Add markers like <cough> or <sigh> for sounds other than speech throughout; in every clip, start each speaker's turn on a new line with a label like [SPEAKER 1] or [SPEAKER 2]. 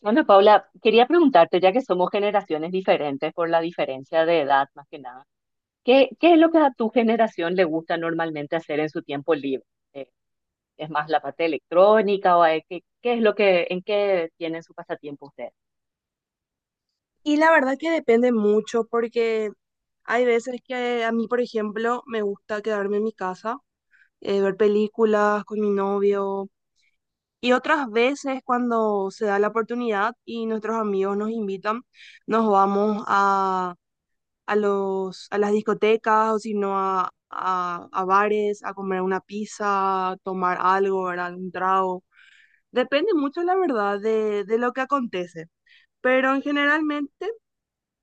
[SPEAKER 1] Bueno, Paula, quería preguntarte, ya que somos generaciones diferentes por la diferencia de edad más que nada, ¿qué es lo que a tu generación le gusta normalmente hacer en su tiempo libre? Eh, ¿Es más la parte electrónica o es lo que, en qué tienen su pasatiempo ustedes?
[SPEAKER 2] Y la verdad que depende mucho porque hay veces que a mí, por ejemplo, me gusta quedarme en mi casa, ver películas con mi novio y otras veces cuando se da la oportunidad y nuestros amigos nos invitan, nos vamos a las discotecas o si no a bares, a comer una pizza, tomar algo, ¿verdad? Un trago. Depende mucho, la verdad, de lo que acontece. Pero en generalmente...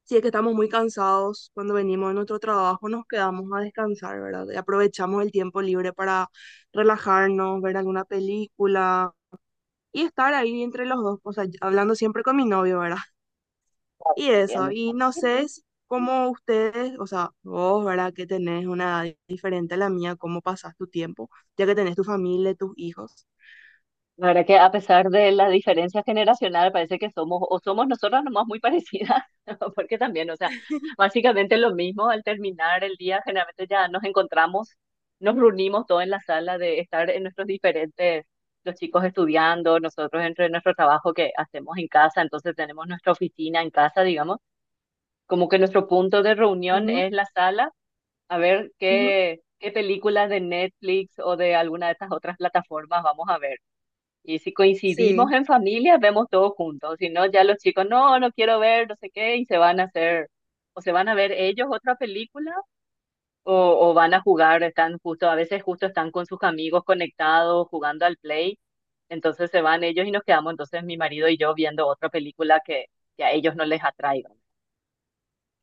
[SPEAKER 2] Si es que estamos muy cansados cuando venimos de nuestro trabajo, nos quedamos a descansar, ¿verdad? Y aprovechamos el tiempo libre para relajarnos, ver alguna película y estar ahí entre los dos, o sea, hablando siempre con mi novio, ¿verdad? <laughs> Y eso,
[SPEAKER 1] Entiendo.
[SPEAKER 2] y no sé si- cómo ustedes, o sea, vos, ¿verdad? Que tenés una edad diferente a la mía, cómo pasás tu tiempo, ya que tenés tu familia, tus hijos.
[SPEAKER 1] La verdad que a pesar de la diferencia generacional, parece que somos nosotras nomás muy parecidas, <laughs> porque también, o sea, básicamente lo mismo. Al terminar el día, generalmente ya nos encontramos, nos reunimos todos en la sala de estar en nuestros diferentes, los chicos estudiando, nosotros entre nuestro trabajo que hacemos en casa, entonces tenemos nuestra oficina en casa, digamos, como que nuestro punto de reunión
[SPEAKER 2] Ujú,
[SPEAKER 1] es la sala, a ver
[SPEAKER 2] ujú.
[SPEAKER 1] qué películas de Netflix o de alguna de estas otras plataformas vamos a ver. Y si coincidimos
[SPEAKER 2] Sí.
[SPEAKER 1] en familia, vemos todos juntos. Si no, ya los chicos, no quiero ver, no sé qué, y se van a hacer, o se van a ver ellos otra película, o, o van a jugar, están justo, a veces justo están con sus amigos conectados, jugando al play. Entonces se van ellos y nos quedamos, entonces mi marido y yo viendo otra película que a ellos no les atraiga.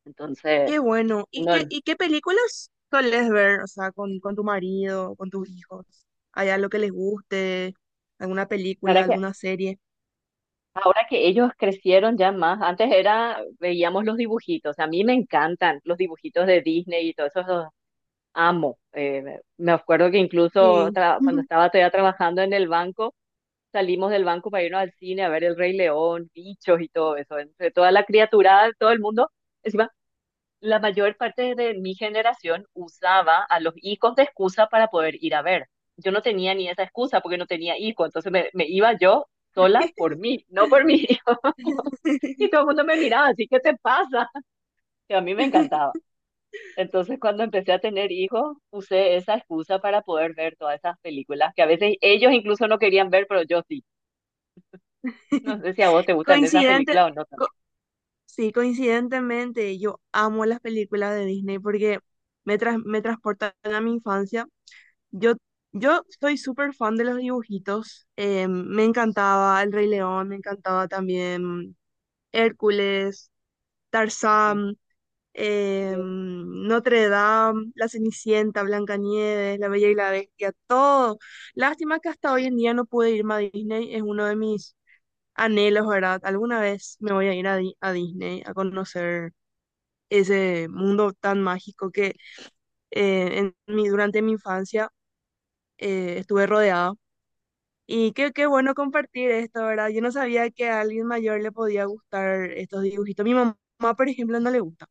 [SPEAKER 1] Entonces,
[SPEAKER 2] Qué bueno. ¿Y
[SPEAKER 1] no, la
[SPEAKER 2] y qué películas solés ver? O sea, con tu marido, con tus hijos. ¿Hay algo que les guste? ¿Alguna película,
[SPEAKER 1] verdad que
[SPEAKER 2] alguna serie?
[SPEAKER 1] ahora que ellos crecieron ya más, antes era, veíamos los dibujitos. A mí me encantan los dibujitos de Disney y todos esos amo. Me acuerdo que incluso
[SPEAKER 2] Sí.
[SPEAKER 1] cuando estaba todavía trabajando en el banco, salimos del banco para irnos al cine a ver El Rey León, bichos y todo eso. Entre toda la criaturada de todo el mundo, encima, la mayor parte de mi generación usaba a los hijos de excusa para poder ir a ver. Yo no tenía ni esa excusa porque no tenía hijo, entonces me iba yo sola por
[SPEAKER 2] <laughs>
[SPEAKER 1] mí, no por mi hijo. <laughs> Y todo el mundo me miraba, así, ¿qué te pasa? <laughs> Que a mí me encantaba. Entonces, cuando empecé a tener hijos, usé esa excusa para poder ver todas esas películas que a veces ellos incluso no querían ver, pero yo sí. No sé si a vos te gustan esas
[SPEAKER 2] Coincidente,
[SPEAKER 1] películas o no tanto.
[SPEAKER 2] co- sí, coincidentemente, yo amo las películas de Disney porque me transportan a mi infancia. Yo, yo soy súper fan de los dibujitos. Me encantaba El Rey León, me encantaba también Hércules,
[SPEAKER 1] Mm,
[SPEAKER 2] Tarzán,
[SPEAKER 1] sí.
[SPEAKER 2] Notre Dame, La Cenicienta, Blancanieves, La Bella y la Bestia, todo. Lástima que hasta hoy en día no pude irme a Disney, es uno de mis anhelos, ¿verdad? Alguna vez me voy a ir a Disney a conocer ese mundo tan mágico que en mi, durante mi infancia estuve rodeada. Y qué bueno compartir esto, ¿verdad? Yo no sabía que a alguien mayor le podía gustar estos dibujitos. Mi mamá, por ejemplo, no le gusta.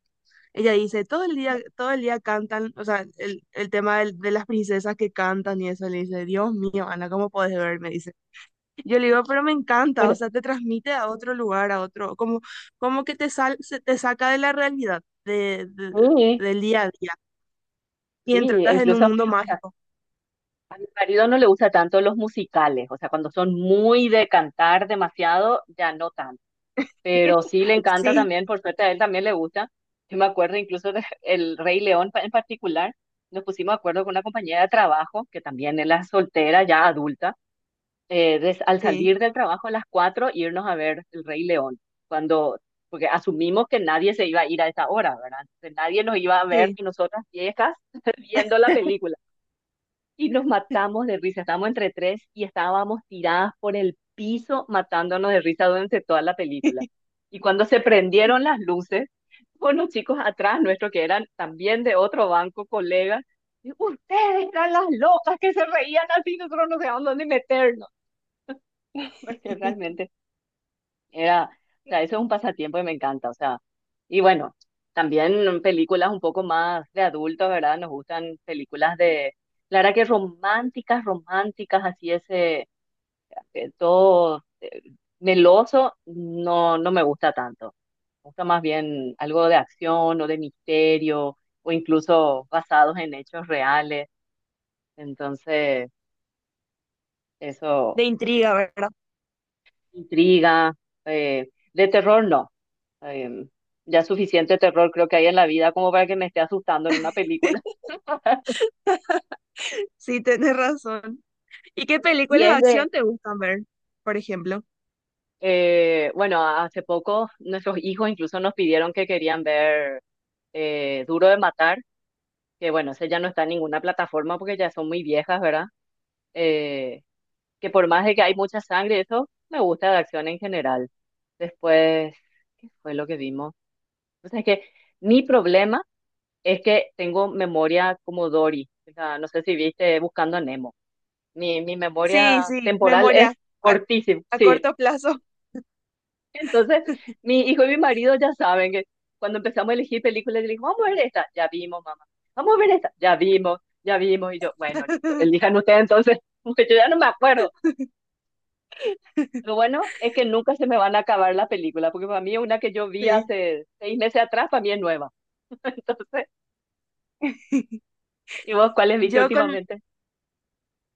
[SPEAKER 2] Ella dice, todo el día cantan, o sea, el tema las princesas que cantan y eso, le dice, Dios mío, Ana, ¿cómo podés ver? Me dice. Yo le digo, pero me encanta, o
[SPEAKER 1] Bueno,
[SPEAKER 2] sea, te transmite a otro lugar, a otro, como, como que te sal, se- te saca de la realidad,
[SPEAKER 1] sí,
[SPEAKER 2] del día a día, y
[SPEAKER 1] sí, e
[SPEAKER 2] entras en
[SPEAKER 1] incluso,
[SPEAKER 2] un
[SPEAKER 1] o
[SPEAKER 2] mundo
[SPEAKER 1] sea,
[SPEAKER 2] mágico.
[SPEAKER 1] a mi marido no le gusta tanto los musicales, o sea, cuando son muy de cantar demasiado, ya no tanto, pero
[SPEAKER 2] <laughs>
[SPEAKER 1] sí le encanta
[SPEAKER 2] Sí,
[SPEAKER 1] también, por suerte a él también le gusta. Yo me acuerdo incluso de <laughs> El Rey León en particular, nos pusimos de acuerdo con una compañera de trabajo, que también él es soltera, ya adulta, al
[SPEAKER 2] sí,
[SPEAKER 1] salir del trabajo a las 4 irnos a ver El Rey León, cuando, porque asumimos que nadie se iba a ir a esa hora, ¿verdad? Entonces, nadie nos iba a ver
[SPEAKER 2] sí.
[SPEAKER 1] y nosotras viejas <laughs> viendo la película. Y nos matamos de risa, estábamos entre tres y estábamos tiradas por el piso matándonos de risa durante toda la película. Y cuando se prendieron las luces, unos chicos atrás nuestro que eran también de otro banco, colegas, y, ustedes eran las locas que se reían así, nosotros no sabíamos dónde meternos. <laughs>
[SPEAKER 2] <laughs>
[SPEAKER 1] Porque realmente era, o sea, eso es un pasatiempo que me encanta, o sea, y bueno, también películas un poco más de adultos, ¿verdad? Nos gustan películas de, la verdad que románticas, románticas, así ese, todo meloso, no, no me gusta tanto. Me gusta más bien algo de acción o de misterio, o incluso basados en hechos reales, entonces, eso.
[SPEAKER 2] De intriga, ¿verdad?
[SPEAKER 1] Intriga, de terror no. Em, ya suficiente terror creo que hay en la vida como para que me esté asustando en una película.
[SPEAKER 2] <laughs>
[SPEAKER 1] <laughs>
[SPEAKER 2] Sí, tenés razón. ¿Y qué
[SPEAKER 1] Si
[SPEAKER 2] películas de
[SPEAKER 1] es de,
[SPEAKER 2] acción te gustan ver, por ejemplo?
[SPEAKER 1] Bueno, hace poco nuestros hijos incluso nos pidieron que querían ver Duro de Matar, que bueno, ese ya no está en ninguna plataforma porque ya son muy viejas, ¿verdad? Eh, que por más de que hay mucha sangre, eso me gusta de acción en general. Después, ¿qué fue lo que vimos? O sea, es que mi problema... Es que tengo memoria como Dory. O sea, no sé si viste Buscando a Nemo. Mi
[SPEAKER 2] Sí,
[SPEAKER 1] memoria
[SPEAKER 2] sí,
[SPEAKER 1] temporal
[SPEAKER 2] memoria
[SPEAKER 1] es
[SPEAKER 2] a,
[SPEAKER 1] cortísima,
[SPEAKER 2] a
[SPEAKER 1] sí.
[SPEAKER 2] corto plazo.
[SPEAKER 1] Entonces, mi hijo y mi marido ya saben que cuando empezamos a elegir películas, le digo, vamos a ver esta, ya vimos, mamá. Vamos a ver esta, ya vimos, ya vimos. Y yo, bueno, listo, elijan
[SPEAKER 2] <laughs>
[SPEAKER 1] ustedes entonces, <laughs> porque yo ya no me acuerdo. Lo bueno es que nunca se me van a acabar la película, porque para mí una que yo vi
[SPEAKER 2] Sí.
[SPEAKER 1] hace 6 meses atrás, para mí es nueva. <laughs> Entonces, ¿y vos cuáles viste
[SPEAKER 2] Yo con,
[SPEAKER 1] últimamente?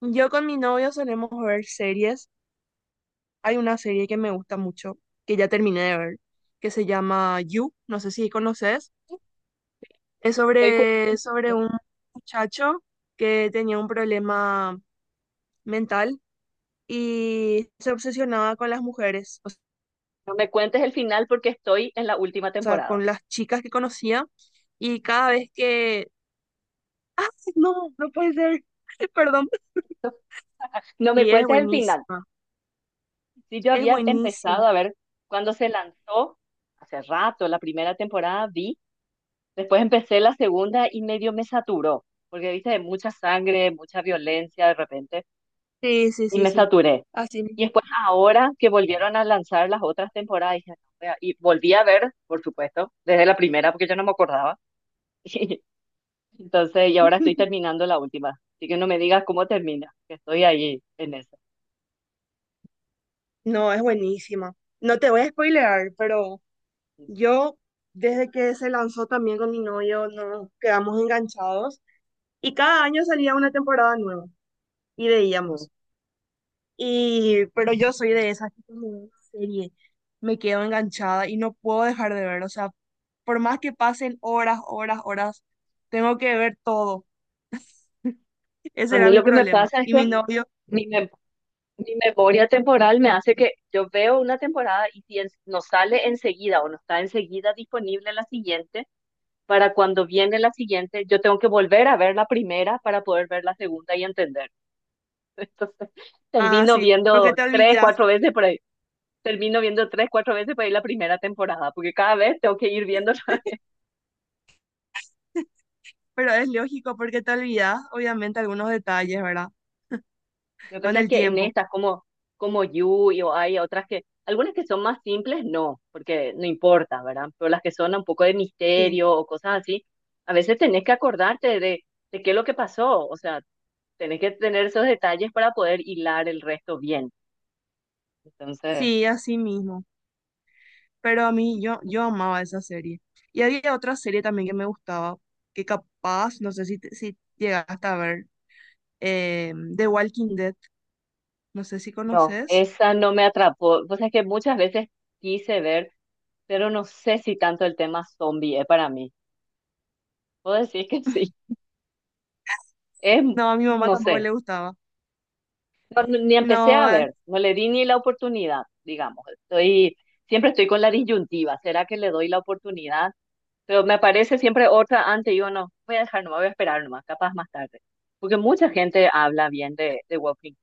[SPEAKER 2] yo con mi novio solemos ver series. Hay una serie que me gusta mucho, que ya terminé de ver, que se llama You, no sé si conoces. Es
[SPEAKER 1] Estoy
[SPEAKER 2] sobre
[SPEAKER 1] jugando.
[SPEAKER 2] un muchacho que tenía un problema mental y se obsesionaba con las mujeres, o
[SPEAKER 1] No me cuentes el final porque estoy en la última
[SPEAKER 2] sea,
[SPEAKER 1] temporada.
[SPEAKER 2] con las chicas que conocía. Y cada vez que... <laughs> ¡Ah! No, no puede ser. <laughs> Perdón.
[SPEAKER 1] <laughs> No me
[SPEAKER 2] Sí, es
[SPEAKER 1] cuentes el final.
[SPEAKER 2] buenísima.
[SPEAKER 1] Si yo
[SPEAKER 2] Es
[SPEAKER 1] había empezado
[SPEAKER 2] buenísima.
[SPEAKER 1] a ver cuando se lanzó, hace rato, la primera temporada vi, después empecé la segunda y medio me saturó, porque viste, de mucha sangre, mucha violencia de repente,
[SPEAKER 2] Sí, sí,
[SPEAKER 1] y
[SPEAKER 2] sí,
[SPEAKER 1] me
[SPEAKER 2] sí.
[SPEAKER 1] saturé.
[SPEAKER 2] Así mismo.
[SPEAKER 1] Y después ahora que volvieron a lanzar las otras temporadas, dije, "No, vea", y volví a ver, por supuesto, desde la primera, porque yo no me acordaba. <laughs> Entonces, y ahora estoy
[SPEAKER 2] <laughs>
[SPEAKER 1] terminando la última. Así que no me digas cómo termina, que estoy ahí en eso.
[SPEAKER 2] No, es buenísima. No te voy a spoilear, pero yo, desde que se lanzó también con mi novio, nos quedamos enganchados y cada año salía una temporada nueva y
[SPEAKER 1] Mm.
[SPEAKER 2] veíamos. Y, pero yo soy de esas que cuando veo una serie, me quedo enganchada y no puedo dejar de ver. O sea, por más que pasen horas, horas, horas, tengo que ver todo. Ese
[SPEAKER 1] A
[SPEAKER 2] era
[SPEAKER 1] mí
[SPEAKER 2] mi
[SPEAKER 1] lo que me
[SPEAKER 2] problema.
[SPEAKER 1] pasa es
[SPEAKER 2] Y
[SPEAKER 1] que
[SPEAKER 2] mi novio,
[SPEAKER 1] mi, mem- mi memoria temporal me hace que yo veo una temporada y no sale enseguida o no está enseguida disponible la siguiente, para cuando viene la siguiente, yo tengo que volver a ver la primera para poder ver la segunda y entender. <laughs> Entonces,
[SPEAKER 2] ah,
[SPEAKER 1] termino
[SPEAKER 2] sí, porque
[SPEAKER 1] viendo
[SPEAKER 2] te
[SPEAKER 1] tres,
[SPEAKER 2] olvidas.
[SPEAKER 1] cuatro veces por ahí. Termino viendo tres, cuatro veces por ahí la primera temporada, porque cada vez tengo que ir viendo. <laughs>
[SPEAKER 2] Pero es lógico porque te olvidas, obviamente, algunos detalles, ¿verdad?
[SPEAKER 1] Lo que
[SPEAKER 2] Con
[SPEAKER 1] pasa es
[SPEAKER 2] el
[SPEAKER 1] que en
[SPEAKER 2] tiempo.
[SPEAKER 1] estas, como, como Yui o hay otras que, algunas que son más simples, no, porque no importa, ¿verdad? Pero las que son un poco de
[SPEAKER 2] Sí.
[SPEAKER 1] misterio o cosas así, a veces tenés que acordarte de qué es lo que pasó, o sea, tenés que tener esos detalles para poder hilar el resto bien. Entonces,
[SPEAKER 2] Sí, así mismo. Pero a mí, yo amaba esa serie. Y había otra serie también que me gustaba, que capaz, no sé si, te- si llegaste a ver, The Walking Dead. No sé si
[SPEAKER 1] no,
[SPEAKER 2] conoces.
[SPEAKER 1] esa no me atrapó. Pues es que muchas veces quise ver, pero no sé si tanto el tema zombie es para mí. Puedo decir que sí. Es,
[SPEAKER 2] No, a mi mamá
[SPEAKER 1] no
[SPEAKER 2] tampoco
[SPEAKER 1] sé.
[SPEAKER 2] le gustaba.
[SPEAKER 1] No- ni empecé a
[SPEAKER 2] No,
[SPEAKER 1] ver, no le di ni la oportunidad, digamos. Siempre estoy con la disyuntiva, ¿será que le doy la oportunidad? Pero me parece siempre otra antes, yo no, voy a dejar, no voy a esperar nomás, capaz más tarde. Porque mucha gente habla bien de, Walking.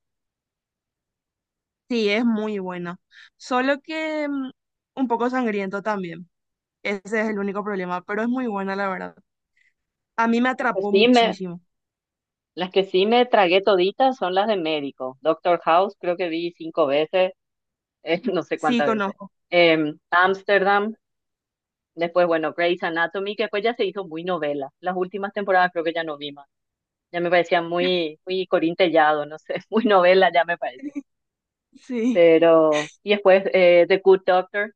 [SPEAKER 2] sí, es muy buena. Solo que mm, un poco sangriento también. Ese es el único problema, pero es muy buena, la verdad. A mí me
[SPEAKER 1] Las que
[SPEAKER 2] atrapó
[SPEAKER 1] sí me,
[SPEAKER 2] muchísimo.
[SPEAKER 1] las que sí me tragué toditas son las de médico. Doctor House, creo que vi cinco veces, <laughs> no sé
[SPEAKER 2] Sí,
[SPEAKER 1] cuántas veces.
[SPEAKER 2] conozco.
[SPEAKER 1] Amsterdam, después, bueno, Grey's Anatomy, que después ya se hizo muy novela. Las últimas temporadas creo que ya no vi más. Ya me parecía muy, muy Corín Tellado, no sé, <laughs> muy novela ya me parece.
[SPEAKER 2] Sí.
[SPEAKER 1] Pero, y después The Good Doctor,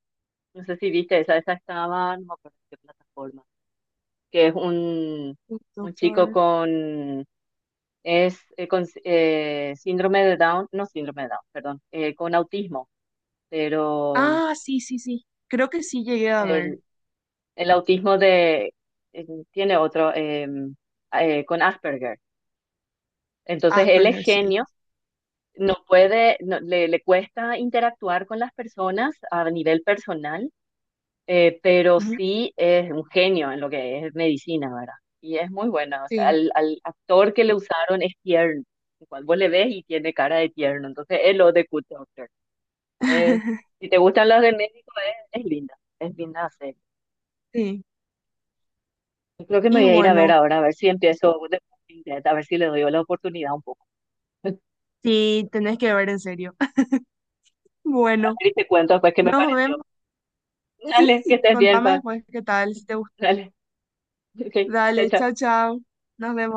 [SPEAKER 1] no sé si viste esa, esa estaba, no me acuerdo en qué plataforma, que es
[SPEAKER 2] El
[SPEAKER 1] un chico
[SPEAKER 2] doctor.
[SPEAKER 1] con, es con síndrome de Down, no síndrome de Down, perdón, con autismo, pero
[SPEAKER 2] Ah, sí, sí, sí. Creo que sí llegué a ver
[SPEAKER 1] el, el autismo de, eh, tiene otro, con Asperger. Entonces él es
[SPEAKER 2] Asperger, sí.
[SPEAKER 1] genio, no puede, le, cuesta interactuar con las personas a nivel personal, pero
[SPEAKER 2] Ujú.
[SPEAKER 1] sí es un genio en lo que es medicina, ¿verdad? Y es muy buena, o sea,
[SPEAKER 2] Sí,
[SPEAKER 1] al actor que le usaron es tierno, igual vos le ves y tiene cara de tierno, entonces es lo de Good Doctor. Es-
[SPEAKER 2] <laughs>
[SPEAKER 1] si te gustan las de médico, es linda, es linda hacer.
[SPEAKER 2] sí.
[SPEAKER 1] Yo creo que me
[SPEAKER 2] Y
[SPEAKER 1] voy a ir a ver
[SPEAKER 2] bueno,
[SPEAKER 1] ahora, a ver si empiezo The Walking Dead, a ver si le doy la oportunidad un poco. <laughs>
[SPEAKER 2] sí, tenés que ver en serio. <laughs>
[SPEAKER 1] A
[SPEAKER 2] Bueno,
[SPEAKER 1] ver y te cuento después qué me
[SPEAKER 2] nos
[SPEAKER 1] pareció.
[SPEAKER 2] vemos. Sí,
[SPEAKER 1] Dale, que estés bien,
[SPEAKER 2] contame
[SPEAKER 1] pa.
[SPEAKER 2] después qué tal, si te gusta.
[SPEAKER 1] Dale. Ok, chao,
[SPEAKER 2] Dale,
[SPEAKER 1] chao.
[SPEAKER 2] chao, chao. Nos vemos.